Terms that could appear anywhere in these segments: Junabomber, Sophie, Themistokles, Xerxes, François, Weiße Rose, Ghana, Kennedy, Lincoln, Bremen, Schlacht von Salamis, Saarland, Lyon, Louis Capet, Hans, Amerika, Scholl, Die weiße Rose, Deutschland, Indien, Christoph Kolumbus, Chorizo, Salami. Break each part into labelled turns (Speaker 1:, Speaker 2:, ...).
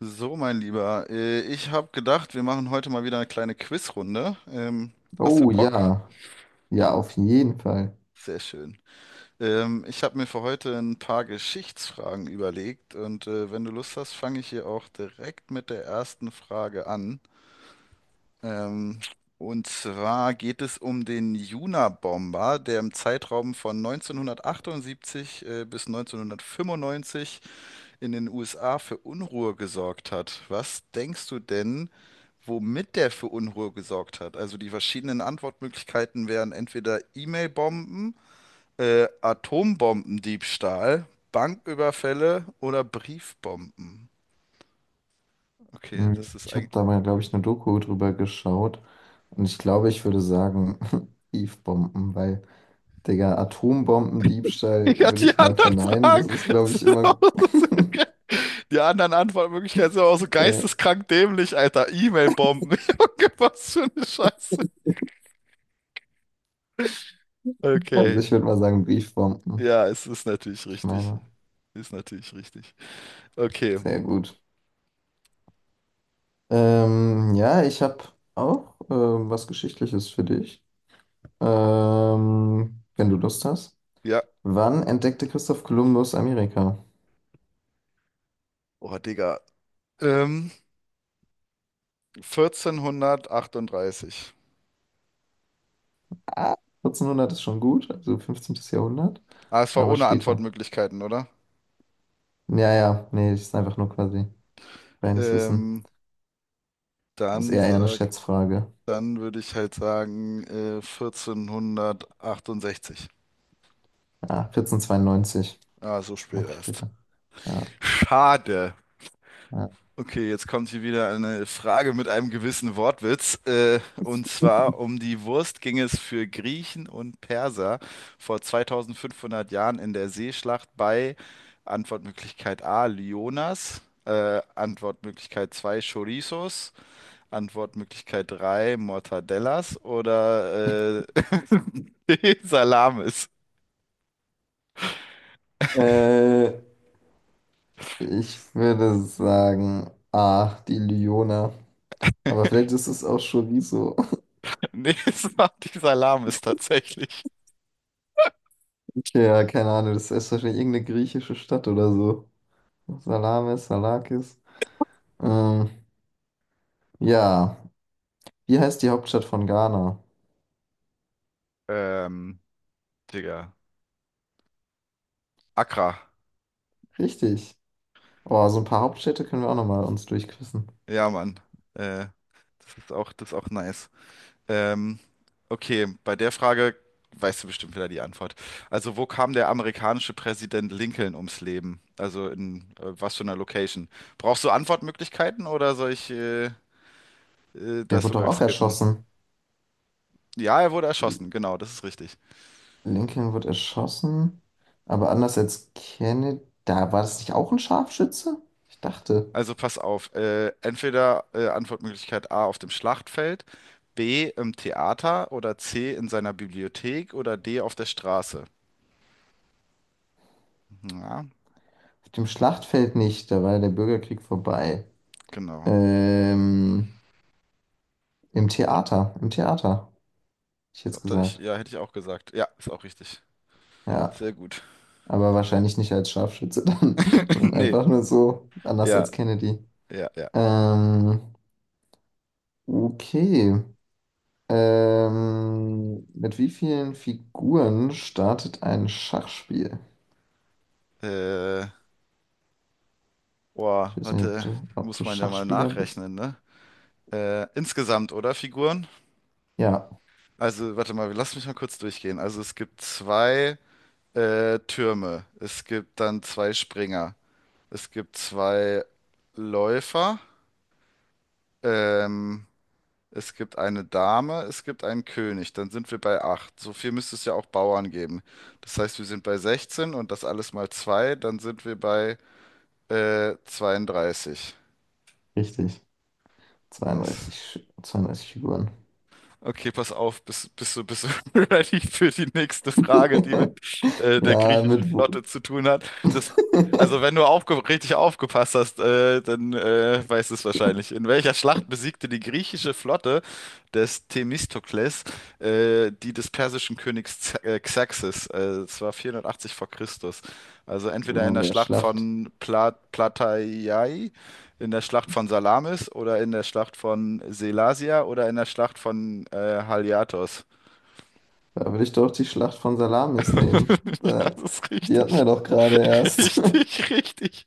Speaker 1: So, mein Lieber, ich habe gedacht, wir machen heute mal wieder eine kleine Quizrunde. Hast du
Speaker 2: Oh
Speaker 1: Bock?
Speaker 2: ja, ja, auf jeden Fall.
Speaker 1: Sehr schön. Ich habe mir für heute ein paar Geschichtsfragen überlegt und wenn du Lust hast, fange ich hier auch direkt mit der ersten Frage an. Ähm, und zwar geht es um den Junabomber, der im Zeitraum von 1978 bis 1995 in den USA für Unruhe gesorgt hat. Was denkst du denn, womit der für Unruhe gesorgt hat? Also die verschiedenen Antwortmöglichkeiten wären entweder E-Mail-Bomben, Atombombendiebstahl, Banküberfälle oder Briefbomben. Okay,
Speaker 2: Mhm.
Speaker 1: das ist
Speaker 2: Ich habe
Speaker 1: eigentlich.
Speaker 2: da mal, glaube ich, eine Doku drüber geschaut und ich glaube, ich würde sagen, Eve-Bomben, weil, Digga, Atombombendiebstahl
Speaker 1: Ja,
Speaker 2: würde
Speaker 1: die
Speaker 2: ich mal
Speaker 1: anderen
Speaker 2: verneinen. Das
Speaker 1: Fragen
Speaker 2: ist, glaube ich,
Speaker 1: sind
Speaker 2: immer,
Speaker 1: auch so geil. Die anderen Antwortmöglichkeiten sind auch so
Speaker 2: äh,
Speaker 1: geisteskrank dämlich, Alter. E-Mail-Bomben. Junge, was für eine Scheiße.
Speaker 2: also
Speaker 1: Okay.
Speaker 2: ich würde mal sagen, Briefbomben.
Speaker 1: Ja, es ist natürlich
Speaker 2: Ich
Speaker 1: richtig.
Speaker 2: meine,
Speaker 1: Ist natürlich richtig. Okay.
Speaker 2: sehr gut. Ja, ich habe auch was Geschichtliches für dich, wenn du Lust hast.
Speaker 1: Ja.
Speaker 2: Wann entdeckte Christoph Kolumbus Amerika?
Speaker 1: Oh, Digga. Ähm, 1438.
Speaker 2: Ah, 1400 ist schon gut, also 15. Jahrhundert,
Speaker 1: Ah, es war
Speaker 2: aber
Speaker 1: ohne
Speaker 2: später.
Speaker 1: Antwortmöglichkeiten, oder?
Speaker 2: Ja, ja, nee, das ist einfach nur quasi reines Wissen.
Speaker 1: Ähm,
Speaker 2: Das ist
Speaker 1: dann
Speaker 2: eher eine
Speaker 1: sag,
Speaker 2: Schätzfrage.
Speaker 1: Dann würde ich halt sagen, 1468.
Speaker 2: Ja, 1492,
Speaker 1: Ah, so spät
Speaker 2: noch
Speaker 1: erst.
Speaker 2: später. Ja,
Speaker 1: Schade.
Speaker 2: ja.
Speaker 1: Okay, jetzt kommt hier wieder eine Frage mit einem gewissen Wortwitz. Und zwar um die Wurst ging es für Griechen und Perser vor 2500 Jahren in der Seeschlacht bei Antwortmöglichkeit A, Lyonas, Antwortmöglichkeit 2, Chorizos, Antwortmöglichkeit 3, Mortadellas oder D, Salamis.
Speaker 2: Äh, Ich würde sagen, ah, die Lyona. Aber vielleicht ist es auch Chorizo.
Speaker 1: Nee, es war die Salamis tatsächlich.
Speaker 2: Okay, ja, keine Ahnung, das ist wahrscheinlich irgendeine griechische Stadt oder so. Salamis, Salakis. Ähm, ja, wie heißt die Hauptstadt von Ghana?
Speaker 1: Ähm, Digga, Accra.
Speaker 2: Richtig. Oh, so ein paar Hauptstädte können wir auch nochmal uns durchquissen.
Speaker 1: Ja, Mann. Äh, Das ist auch, das ist auch nice. Ähm, okay, bei der Frage weißt du bestimmt wieder die Antwort. Also, wo kam der amerikanische Präsident Lincoln ums Leben? Also in was für einer Location? Brauchst du Antwortmöglichkeiten oder soll ich
Speaker 2: Der
Speaker 1: das
Speaker 2: wurde doch
Speaker 1: sogar
Speaker 2: auch
Speaker 1: skippen?
Speaker 2: erschossen.
Speaker 1: Ja, er wurde erschossen, genau, das ist richtig.
Speaker 2: Lincoln wird erschossen, aber anders als Kennedy. Da war das nicht auch ein Scharfschütze? Ich dachte,
Speaker 1: Also pass auf, entweder Antwortmöglichkeit A auf dem Schlachtfeld, B im Theater oder C in seiner Bibliothek oder D auf der Straße. Ja,
Speaker 2: auf dem Schlachtfeld nicht, da war ja der Bürgerkrieg vorbei.
Speaker 1: genau.
Speaker 2: Ähm, im Theater, hätte ich jetzt
Speaker 1: Glaub, da ich,
Speaker 2: gesagt.
Speaker 1: ja, hätte ich auch gesagt. Ja, ist auch richtig.
Speaker 2: Ja,
Speaker 1: Sehr gut.
Speaker 2: aber wahrscheinlich nicht als Scharfschütze dann, sondern
Speaker 1: Nee,
Speaker 2: einfach nur so, anders
Speaker 1: ja,
Speaker 2: als Kennedy.
Speaker 1: ja, ja.
Speaker 2: Ähm, okay. Mit wie vielen Figuren startet ein Schachspiel?
Speaker 1: Äh,
Speaker 2: Ich
Speaker 1: Boah,
Speaker 2: weiß nicht, ob
Speaker 1: warte,
Speaker 2: du, ob du
Speaker 1: muss man ja mal
Speaker 2: Schachspieler bist.
Speaker 1: nachrechnen, ne? Insgesamt, oder, Figuren?
Speaker 2: Ja,
Speaker 1: Also, warte mal, lass mich mal kurz durchgehen. Also, es gibt zwei Türme. Es gibt dann zwei Springer. Es gibt zwei Läufer. Ähm, Es gibt eine Dame, es gibt einen König. Dann sind wir bei 8. So viel müsste es ja auch Bauern geben. Das heißt, wir sind bei 16 und das alles mal 2, dann sind wir bei 32.
Speaker 2: richtig.
Speaker 1: Nice.
Speaker 2: 32, 32 Figuren.
Speaker 1: Okay, pass auf, bist du ready für die nächste Frage, die mit der
Speaker 2: Ja,
Speaker 1: griechischen
Speaker 2: mit wo?
Speaker 1: Flotte zu tun hat? Das, also wenn du aufge richtig aufgepasst hast, dann weißt du es wahrscheinlich. In welcher Schlacht besiegte die griechische Flotte des Themistokles die des persischen Königs Z Xerxes? Das war 480 vor Christus. Also entweder in
Speaker 2: Oh,
Speaker 1: der
Speaker 2: der
Speaker 1: Schlacht
Speaker 2: Schlacht.
Speaker 1: von Plataiai, in der Schlacht von Salamis oder in der Schlacht von Selasia oder in der Schlacht von Haliartos?
Speaker 2: Da würde ich doch die Schlacht von Salamis nehmen.
Speaker 1: Ja,
Speaker 2: Da,
Speaker 1: das ist
Speaker 2: die hatten
Speaker 1: richtig.
Speaker 2: wir doch gerade erst.
Speaker 1: Richtig, richtig.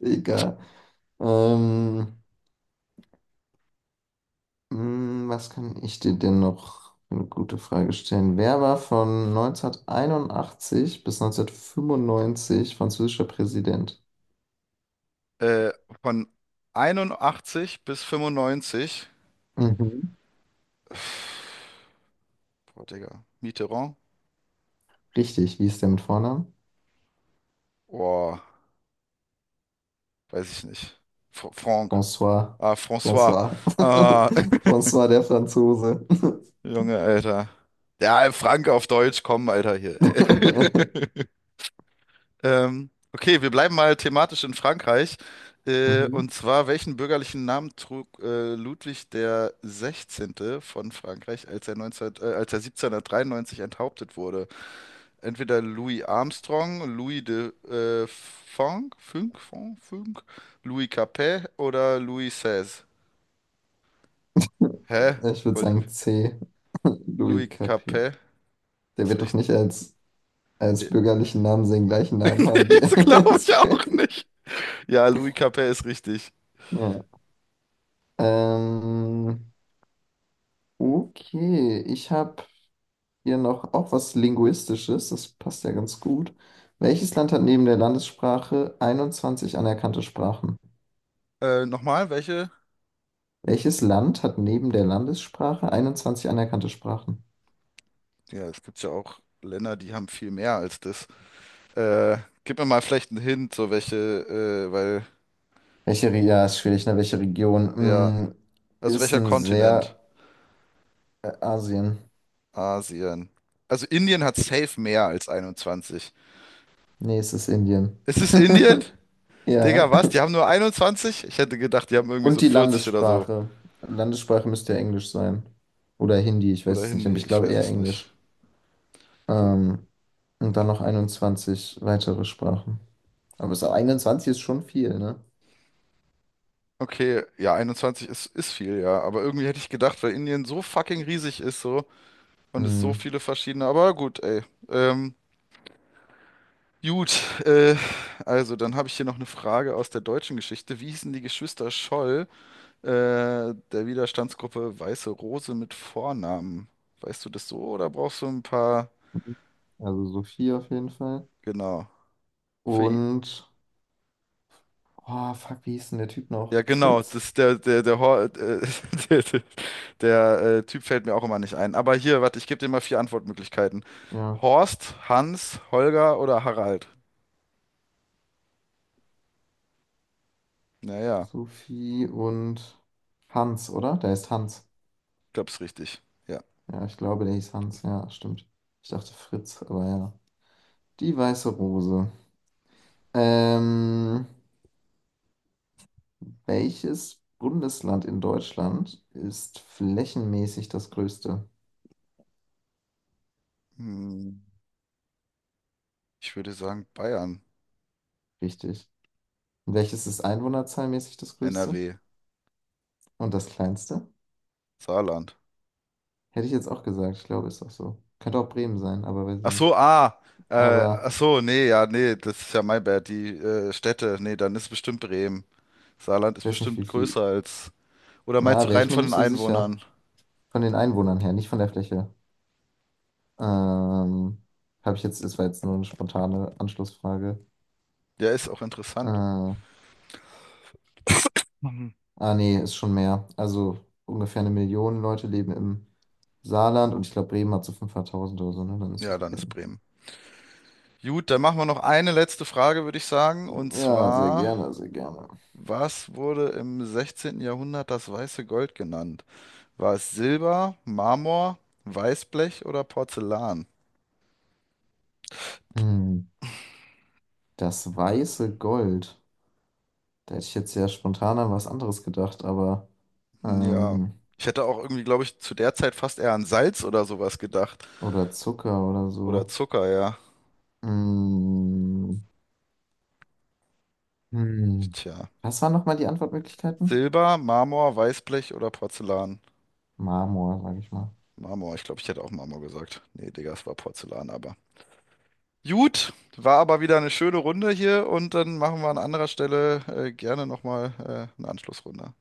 Speaker 2: Egal. Ähm, Was kann ich dir denn noch eine gute Frage stellen? Wer war von 1981 bis 1995 französischer Präsident?
Speaker 1: Äh, von 81 bis 95.
Speaker 2: Mhm.
Speaker 1: Boah, Digga. Mitterrand?
Speaker 2: Richtig, wie ist der mit Vornamen?
Speaker 1: Boah, weiß ich nicht. Fr Franck.
Speaker 2: François.
Speaker 1: Ah, François.
Speaker 2: François.
Speaker 1: Ah,
Speaker 2: François der Franzose.
Speaker 1: Junge, Alter. Ja, Frank auf Deutsch, komm, Alter, hier. Okay, wir bleiben mal thematisch in Frankreich. Und
Speaker 2: Mhm.
Speaker 1: zwar, welchen bürgerlichen Namen trug Ludwig der Sechzehnte von Frankreich, als er 1793 enthauptet wurde? Entweder Louis Armstrong, Louis de Funk, Funk, Funk, Funk, Louis Capet oder Louis XVI? Hä?
Speaker 2: Ich würde
Speaker 1: Wollt ihr-
Speaker 2: sagen C.
Speaker 1: Louis
Speaker 2: Louis Capet.
Speaker 1: Capet
Speaker 2: Der
Speaker 1: ist
Speaker 2: wird doch
Speaker 1: richtig.
Speaker 2: nicht als
Speaker 1: Nee,
Speaker 2: bürgerlichen Namen seinen gleichen Namen
Speaker 1: nee,
Speaker 2: haben wie
Speaker 1: das glaube
Speaker 2: als
Speaker 1: ich auch
Speaker 2: König.
Speaker 1: nicht. Ja, Louis Capet ist richtig.
Speaker 2: Ja. Ähm, okay, ich habe hier noch auch was Linguistisches, das passt ja ganz gut. Welches Land hat neben der Landessprache 21 anerkannte Sprachen?
Speaker 1: Nochmal, welche?
Speaker 2: Welches Land hat neben der Landessprache 21 anerkannte Sprachen?
Speaker 1: Ja, es gibt ja auch Länder, die haben viel mehr als das. Äh, Gib mir mal vielleicht einen Hint, so welche, weil,
Speaker 2: Welche, ja, ist schwierig, ne? Welche
Speaker 1: ja,
Speaker 2: Region?
Speaker 1: also
Speaker 2: Ist
Speaker 1: welcher
Speaker 2: ein
Speaker 1: Kontinent?
Speaker 2: sehr Asien.
Speaker 1: Asien. Also Indien hat safe mehr als 21.
Speaker 2: Nee, es ist Indien.
Speaker 1: Ist es Indien?
Speaker 2: Ja.
Speaker 1: Digga, was? Die haben nur 21? Ich hätte gedacht, die haben irgendwie
Speaker 2: Und
Speaker 1: so
Speaker 2: die
Speaker 1: 40 oder so.
Speaker 2: Landessprache. Landessprache müsste ja Englisch sein. Oder Hindi, ich weiß
Speaker 1: Oder
Speaker 2: es nicht, aber
Speaker 1: Hindi,
Speaker 2: ich
Speaker 1: ich
Speaker 2: glaube
Speaker 1: weiß
Speaker 2: eher
Speaker 1: es nicht.
Speaker 2: Englisch.
Speaker 1: Digga.
Speaker 2: Ähm, und dann noch 21 weitere Sprachen. Aber so 21 ist schon viel, ne?
Speaker 1: Okay, ja, 21 ist viel, ja. Aber irgendwie hätte ich gedacht, weil Indien so fucking riesig ist so und es so
Speaker 2: Mhm.
Speaker 1: viele verschiedene. Aber gut, ey. Ähm, Gut, also dann habe ich hier noch eine Frage aus der deutschen Geschichte. Wie hießen die Geschwister Scholl, äh, der Widerstandsgruppe Weiße Rose mit Vornamen? Weißt du das so oder brauchst du ein paar?
Speaker 2: Also Sophie auf jeden Fall.
Speaker 1: Genau. Für, i-
Speaker 2: Und, oh, fuck, wie hieß denn der Typ noch?
Speaker 1: ja, genau.
Speaker 2: Fritz?
Speaker 1: Das, der, der, der, Hor- der, der, der Typ fällt mir auch immer nicht ein. Aber hier, warte, ich gebe dir mal vier Antwortmöglichkeiten.
Speaker 2: Ja,
Speaker 1: Horst, Hans, Holger oder Harald? Naja,
Speaker 2: Sophie und Hans, oder? Der ist Hans.
Speaker 1: glaub's richtig. Ja.
Speaker 2: Ja, ich glaube, der hieß Hans. Ja, stimmt. Ich dachte Fritz, aber ja. Die weiße Rose. Ähm, welches Bundesland in Deutschland ist flächenmäßig das größte?
Speaker 1: Hm, ich würde sagen Bayern,
Speaker 2: Richtig. Und welches ist einwohnerzahlmäßig das größte
Speaker 1: NRW,
Speaker 2: und das kleinste?
Speaker 1: Saarland.
Speaker 2: Hätte ich jetzt auch gesagt, ich glaube, ist auch so. Könnte auch Bremen sein, aber weiß ich
Speaker 1: Ach so,
Speaker 2: nicht.
Speaker 1: ach
Speaker 2: Aber
Speaker 1: so, nee, ja, nee, das ist ja mein Bad, die Städte, nee, dann ist bestimmt Bremen. Saarland
Speaker 2: ich
Speaker 1: ist
Speaker 2: weiß nicht, wie
Speaker 1: bestimmt
Speaker 2: viel.
Speaker 1: größer als, oder meinst du
Speaker 2: Na, wäre
Speaker 1: rein
Speaker 2: ich mir
Speaker 1: von den
Speaker 2: nicht so sicher.
Speaker 1: Einwohnern?
Speaker 2: Von den Einwohnern her, nicht von der Fläche. Ähm, habe ich jetzt, das war jetzt nur eine spontane Anschlussfrage.
Speaker 1: Ja, ist auch interessant.
Speaker 2: Ah, nee, ist schon mehr. Also ungefähr eine Million Leute leben im Saarland und ich glaube, Bremen hat so 500.000 oder so, ne? Dann ist
Speaker 1: Ja,
Speaker 2: es
Speaker 1: dann ist
Speaker 2: Bremen.
Speaker 1: Bremen. Gut, dann machen wir noch eine letzte Frage, würde ich sagen, und
Speaker 2: Ja, sehr
Speaker 1: zwar,
Speaker 2: gerne, sehr gerne.
Speaker 1: was wurde im 16. Jahrhundert das weiße Gold genannt? War es Silber, Marmor, Weißblech oder Porzellan?
Speaker 2: Hm, das weiße Gold. Da hätte ich jetzt ja spontan an was anderes gedacht, aber
Speaker 1: Hm, ja,
Speaker 2: ähm,
Speaker 1: ich hätte auch irgendwie, glaube ich, zu der Zeit fast eher an Salz oder sowas gedacht.
Speaker 2: oder Zucker oder
Speaker 1: Oder
Speaker 2: so.
Speaker 1: Zucker, ja.
Speaker 2: Mm, hm.
Speaker 1: Tja.
Speaker 2: Was waren nochmal die Antwortmöglichkeiten?
Speaker 1: Silber, Marmor, Weißblech oder Porzellan?
Speaker 2: Marmor, sage ich mal.
Speaker 1: Marmor, ich glaube, ich hätte auch Marmor gesagt. Nee, Digga, es war Porzellan, aber. Gut, war aber wieder eine schöne Runde hier und dann machen wir an anderer Stelle gerne nochmal eine Anschlussrunde.